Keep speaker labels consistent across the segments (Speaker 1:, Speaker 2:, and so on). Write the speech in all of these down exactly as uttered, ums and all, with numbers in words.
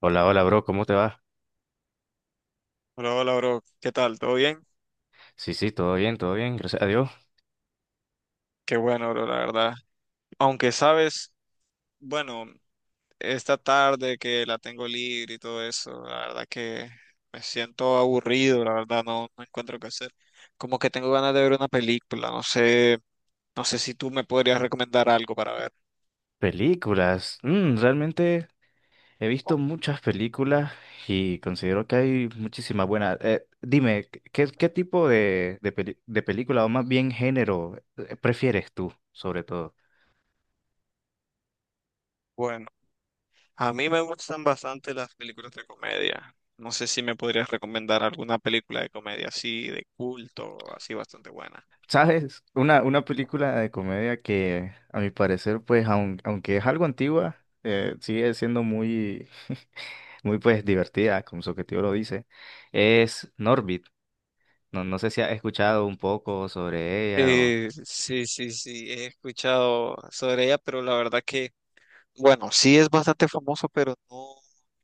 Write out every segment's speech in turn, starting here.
Speaker 1: Hola, hola, bro, ¿cómo te va?
Speaker 2: Hola, hola, bro. ¿Qué tal? ¿Todo bien?
Speaker 1: Sí, sí, todo bien, todo bien, gracias a Dios.
Speaker 2: Qué bueno, bro, la verdad. Aunque sabes, bueno, esta tarde que la tengo libre y todo eso, la verdad que me siento aburrido, la verdad, no, no encuentro qué hacer. Como que tengo ganas de ver una película, no sé, no sé si tú me podrías recomendar algo para ver.
Speaker 1: Películas. Mm, realmente he visto muchas películas y considero que hay muchísimas buenas. Eh, dime, ¿qué, qué tipo de, de, peli- de película o más bien género eh, prefieres tú, sobre todo?
Speaker 2: Bueno, a mí me gustan bastante las películas de comedia. No sé si me podrías recomendar alguna película de comedia así, de culto, así bastante buena.
Speaker 1: ¿Sabes? Una, una película de comedia que, a mi parecer, pues, aun- aunque es algo antigua, eh, sigue siendo muy, muy, pues, divertida, como su objetivo lo dice, es Norbit. No, no sé si has escuchado un poco sobre ella o...
Speaker 2: Eh, sí, sí, sí, he escuchado sobre ella, pero la verdad que, bueno, sí es bastante famoso, pero no,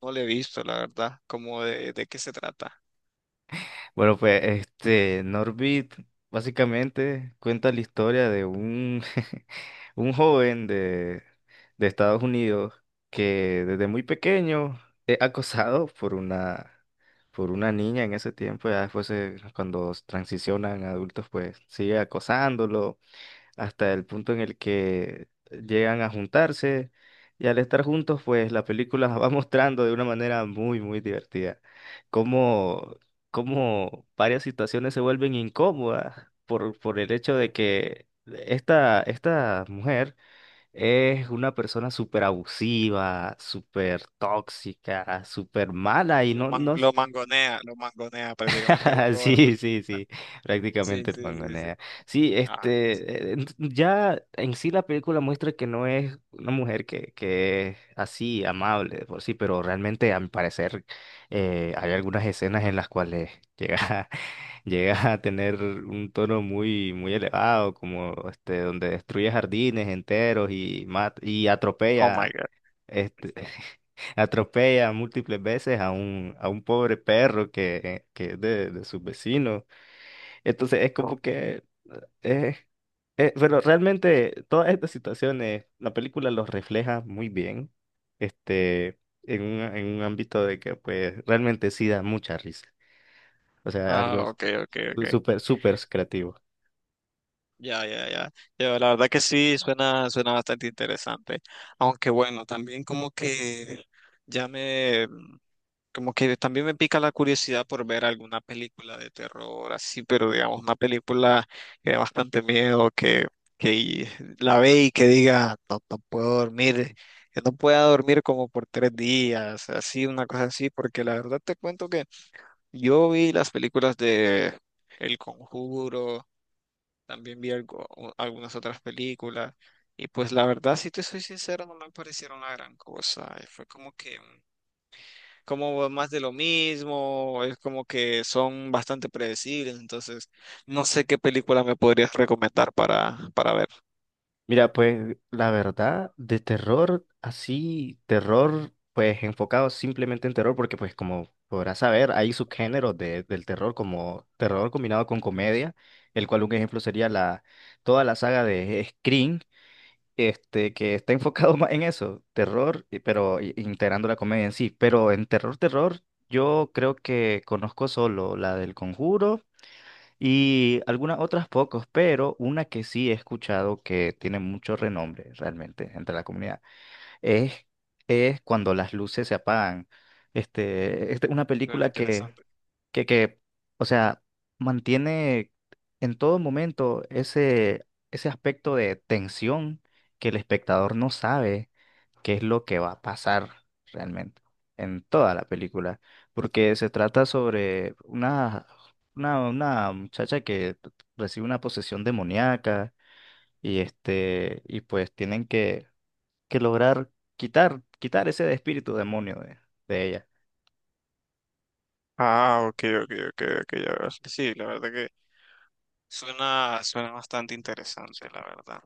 Speaker 2: no le he visto, la verdad, como de, de qué se trata.
Speaker 1: Bueno, pues este Norbit básicamente cuenta la historia de un, un joven de, de Estados Unidos que desde muy pequeño es acosado por una, por una niña en ese tiempo, ya después se- cuando transicionan a adultos, pues sigue acosándolo hasta el punto en el que llegan a juntarse, y al estar juntos, pues la película va mostrando de una manera muy, muy divertida cómo, cómo varias situaciones se vuelven incómodas por, por el hecho de que esta, esta mujer es una persona súper abusiva, súper tóxica, súper mala y
Speaker 2: Lo,
Speaker 1: no,
Speaker 2: man-
Speaker 1: no.
Speaker 2: lo mangonea, lo mangonea prácticamente un gobernador.
Speaker 1: Sí, sí, sí,
Speaker 2: Sí,
Speaker 1: prácticamente el
Speaker 2: sí, sí, sí.
Speaker 1: mangonea. Sí,
Speaker 2: Ah,
Speaker 1: este, eh, ent- ya en sí la película muestra que no es una mujer que, que es así, amable de por sí, pero realmente a mi parecer eh, hay algunas escenas en las cuales llega, a- llega a tener un tono muy, muy elevado, como este, donde destruye jardines enteros y, mat- y
Speaker 2: oh my
Speaker 1: atropella
Speaker 2: God.
Speaker 1: este, atropella múltiples veces a un, a un pobre perro que, que es de, de sus vecinos. Entonces es como
Speaker 2: No.
Speaker 1: que... eh, eh, pero realmente todas estas situaciones, la película los refleja muy bien, este, en un, en un ámbito de que pues realmente sí da mucha risa. O sea,
Speaker 2: Ah,
Speaker 1: algo s-
Speaker 2: ok, ok, ok.
Speaker 1: súper, súper creativo.
Speaker 2: Ya, ya, ya. Ya, la verdad que sí, suena, suena bastante interesante. Aunque bueno, también como que ya me, como que también me pica la curiosidad por ver alguna película de terror así, pero digamos una película que da bastante miedo, que, que y- la ve y que diga, no, no puedo dormir, que no pueda dormir como por tres días, así, una cosa así, porque la verdad te cuento que yo vi las películas de El Conjuro, también vi algo- u- algunas otras películas, y pues la verdad, si te soy sincero, no me parecieron la gran cosa, y fue como que como más de lo mismo, es como que son bastante predecibles, entonces no sé qué película me podrías recomendar para, para ver.
Speaker 1: Mira, pues la verdad, de terror, así, terror, pues enfocado simplemente en terror, porque pues como podrás saber, hay subgéneros de- del terror, como terror combinado con comedia, el cual un ejemplo sería la, toda la saga de Scream, este, que está enfocado más en eso, terror, y- pero i- integrando la comedia en sí. Pero en terror, terror, yo creo que conozco solo la del Conjuro. Y algunas otras pocos, pero una que sí he escuchado que tiene mucho renombre realmente entre la comunidad es, es cuando las luces se apagan. Este, este, una
Speaker 2: Suena
Speaker 1: película que,
Speaker 2: interesante.
Speaker 1: que, que, o sea, mantiene en todo momento ese, ese aspecto de tensión, que el espectador no sabe qué es lo que va a pasar realmente en toda la película, porque se trata sobre una, una, una muchacha que recibe una posesión demoníaca y este, y pues tienen que, que lograr quitar, quitar ese espíritu demonio de, de ella.
Speaker 2: Ah, ok, ok, ok, ok, ya veo. Sí, la verdad que suena, suena bastante interesante, la verdad.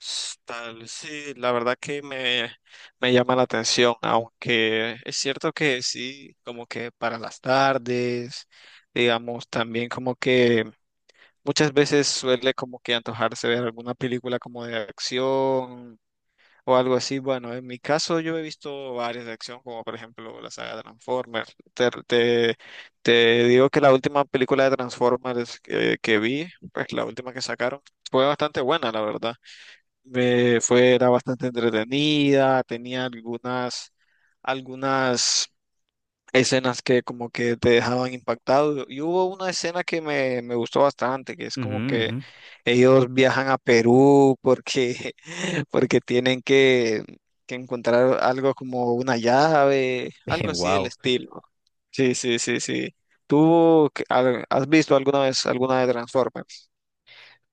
Speaker 2: S- Tal, sí, la verdad que me, me llama la atención, aunque es cierto que sí, como que para las tardes, digamos, también como que muchas veces suele como que antojarse ver alguna película como de acción o algo así. Bueno, en mi caso yo he visto varias de acción, como por ejemplo la saga Transformers. Te, te- te digo que la última película de Transformers que, que vi, pues la última que sacaron, fue bastante buena, la verdad. Me fue, era bastante entretenida, tenía algunas, algunas escenas que como que te dejaban impactado. Y hubo una escena que me, me gustó bastante, que es
Speaker 1: Ujú,
Speaker 2: como que
Speaker 1: ujú.
Speaker 2: ellos viajan a Perú porque, porque tienen que, que encontrar algo como una llave, algo así del
Speaker 1: Wow.
Speaker 2: estilo. Sí, sí, sí, sí. ¿Tú qué- al- has visto alguna vez alguna de Transformers?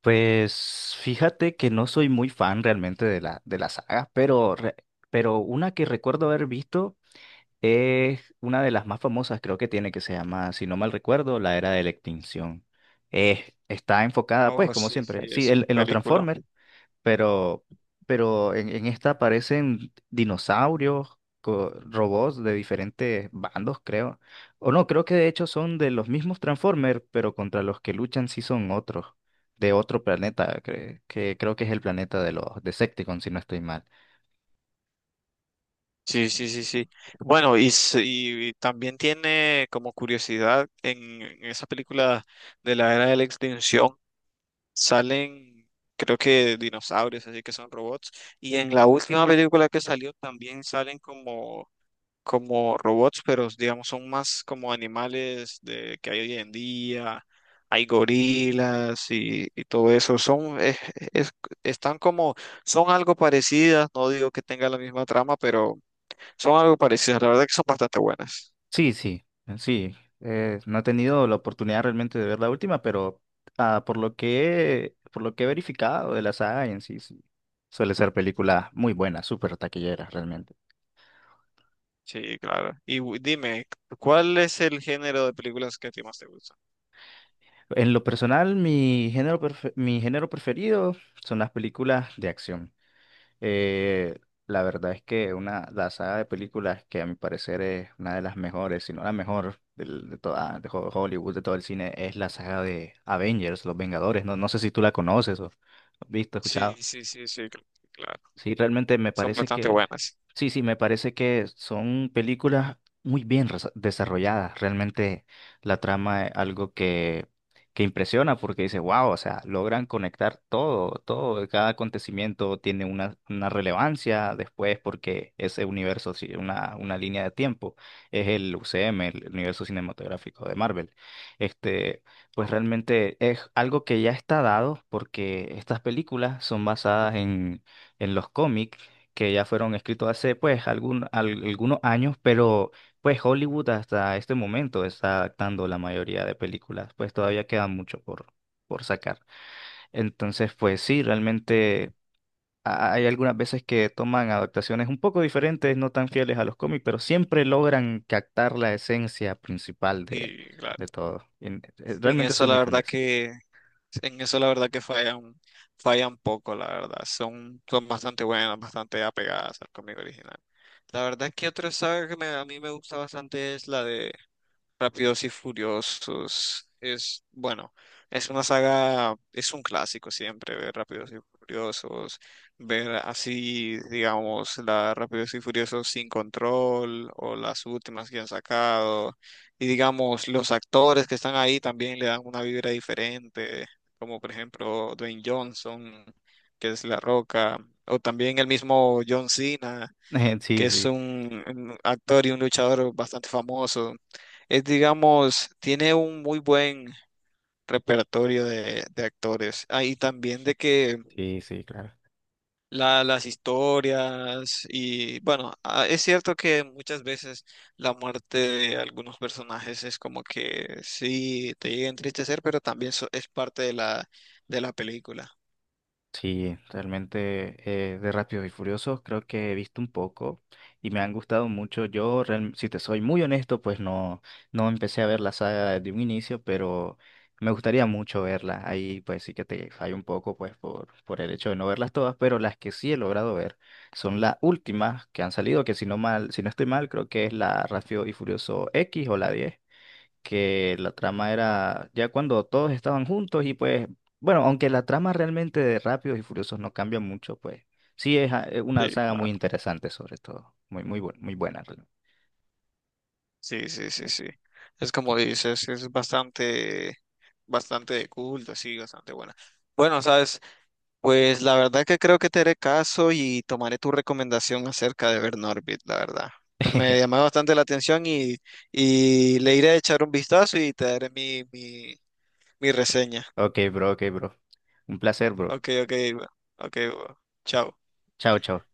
Speaker 1: Pues fíjate que no soy muy fan realmente de la, de la saga, pero, re- pero una que recuerdo haber visto, es una de las más famosas, creo que tiene, que se llama, si no mal recuerdo, La Era de la Extinción. Eh, está enfocada, pues,
Speaker 2: Oh,
Speaker 1: como
Speaker 2: sí,
Speaker 1: siempre,
Speaker 2: sí,
Speaker 1: sí,
Speaker 2: es
Speaker 1: en,
Speaker 2: un
Speaker 1: en los
Speaker 2: película.
Speaker 1: Transformers, pero, pero en, en esta aparecen dinosaurios, co- robots de diferentes bandos, creo. O no, creo que de hecho son de los mismos Transformers, pero contra los que luchan sí son otros, de otro planeta, cre- que creo que es el planeta de los Decepticons, si no estoy mal.
Speaker 2: Sí, sí, sí, sí. Bueno, y, s- y también tiene como curiosidad, en, en esa película de la era de la extinción salen, creo que dinosaurios, así que son robots. Y en la última película que salió también salen como, como robots, pero digamos son más como animales de, que hay hoy en día. Hay gorilas y, y todo eso. Son, es- es- Están como, son algo parecidas. No digo que tenga la misma trama, pero son algo parecidas, la verdad que son bastante buenas.
Speaker 1: Sí, sí, sí. eh, no he tenido la oportunidad realmente de ver la última, pero ah, por lo que, por lo que he verificado de la saga en sí, sí, suele ser película muy buena, súper taquillera realmente.
Speaker 2: Sí, claro. Y gu- dime, ¿cuál es el género de películas que a ti más te gusta?
Speaker 1: En lo personal, mi género, prefe- mi género preferido son las películas de acción. Eh, la verdad es que una, la saga de películas que a mi parecer es una de las mejores, si no la mejor del- de toda de Ho- Hollywood, de todo el cine, es la saga de Avengers, Los Vengadores. No, no sé si tú la conoces o has visto, escuchado.
Speaker 2: Sí, sí, sí, sí, cl- claro.
Speaker 1: Sí, realmente me
Speaker 2: Son
Speaker 1: parece
Speaker 2: bastante
Speaker 1: que,
Speaker 2: buenas.
Speaker 1: sí, sí, me parece que son películas muy bien resa- desarrolladas. Realmente la trama es algo que, que impresiona porque dice, wow, o sea, logran conectar todo, todo, cada acontecimiento tiene una, una relevancia después porque ese universo, sí, una, una línea de tiempo, es el U C M, el universo cinematográfico de Marvel. Este, pues
Speaker 2: Oh,
Speaker 1: realmente es algo que ya está dado porque estas películas son basadas en en los cómics que ya fueron escritos hace pues algún- al- algunos años, pero pues Hollywood hasta este momento está adaptando la mayoría de películas, pues todavía queda mucho por, por sacar. Entonces, pues sí, realmente ha- hay algunas veces que toman adaptaciones un poco diferentes, no tan fieles a los cómics, pero siempre logran captar la esencia principal de,
Speaker 2: y claro.
Speaker 1: de todo. Y, eh,
Speaker 2: En
Speaker 1: Realmente
Speaker 2: eso
Speaker 1: soy muy
Speaker 2: la
Speaker 1: fan de
Speaker 2: verdad
Speaker 1: eso.
Speaker 2: que, en eso la verdad que fallan, fallan poco, la verdad. Son, son bastante buenas, bastante apegadas al cómic original. La verdad que otra saga que me- A mí me gusta bastante es la de Rápidos y Furiosos es, bueno, es una saga, es un clásico siempre ver Rápidos y Furiosos, ver así, digamos, la Rápidos y Furiosos sin control o las últimas que han sacado. Y digamos, los actores que están ahí también le dan una vibra diferente, como por ejemplo Dwayne Johnson, que es La Roca, o también el mismo John Cena que
Speaker 1: Sí,
Speaker 2: es
Speaker 1: sí,
Speaker 2: un, un actor y un luchador bastante famoso. Es, digamos, tiene un muy buen repertorio de, de actores. Ah, y también de que
Speaker 1: sí, sí, claro.
Speaker 2: la- las historias y, bueno, ah, es cierto que muchas veces la muerte de algunos personajes es como que sí te llega a entristecer, pero también so- es parte de la, de la película.
Speaker 1: Sí, realmente eh, de Rápidos y Furiosos creo que he visto un poco y me han gustado mucho. Yo, real- si te soy muy honesto, pues no, no empecé a ver la saga desde un inicio, pero me gustaría mucho verla. Ahí pues sí que te fallo un poco pues por, por el hecho de no verlas todas, pero las que sí he logrado ver son las últimas que han salido, que si no mal, si no estoy mal, creo que es la Rápido y Furioso X o la diez, que la trama era ya cuando todos estaban juntos y pues, bueno, aunque la trama realmente de Rápidos y Furiosos no cambia mucho, pues sí es ah, eh, una
Speaker 2: Sí,
Speaker 1: saga muy
Speaker 2: claro.
Speaker 1: interesante sobre todo, muy, muy, bu- muy buena realmente.
Speaker 2: Sí, sí, sí, sí. Es como dices, es bastante bastante cool, así, bastante buena. Bueno, sabes, pues la verdad que creo que te haré caso y tomaré tu recomendación acerca de ver Norbit, la verdad. Me llamó bastante la atención y, y le iré a echar un vistazo y te daré mi, mi, mi reseña.
Speaker 1: Ok, bro, ok, bro. Un placer, bro.
Speaker 2: Ok, ok, ok, chao.
Speaker 1: Chao, chao.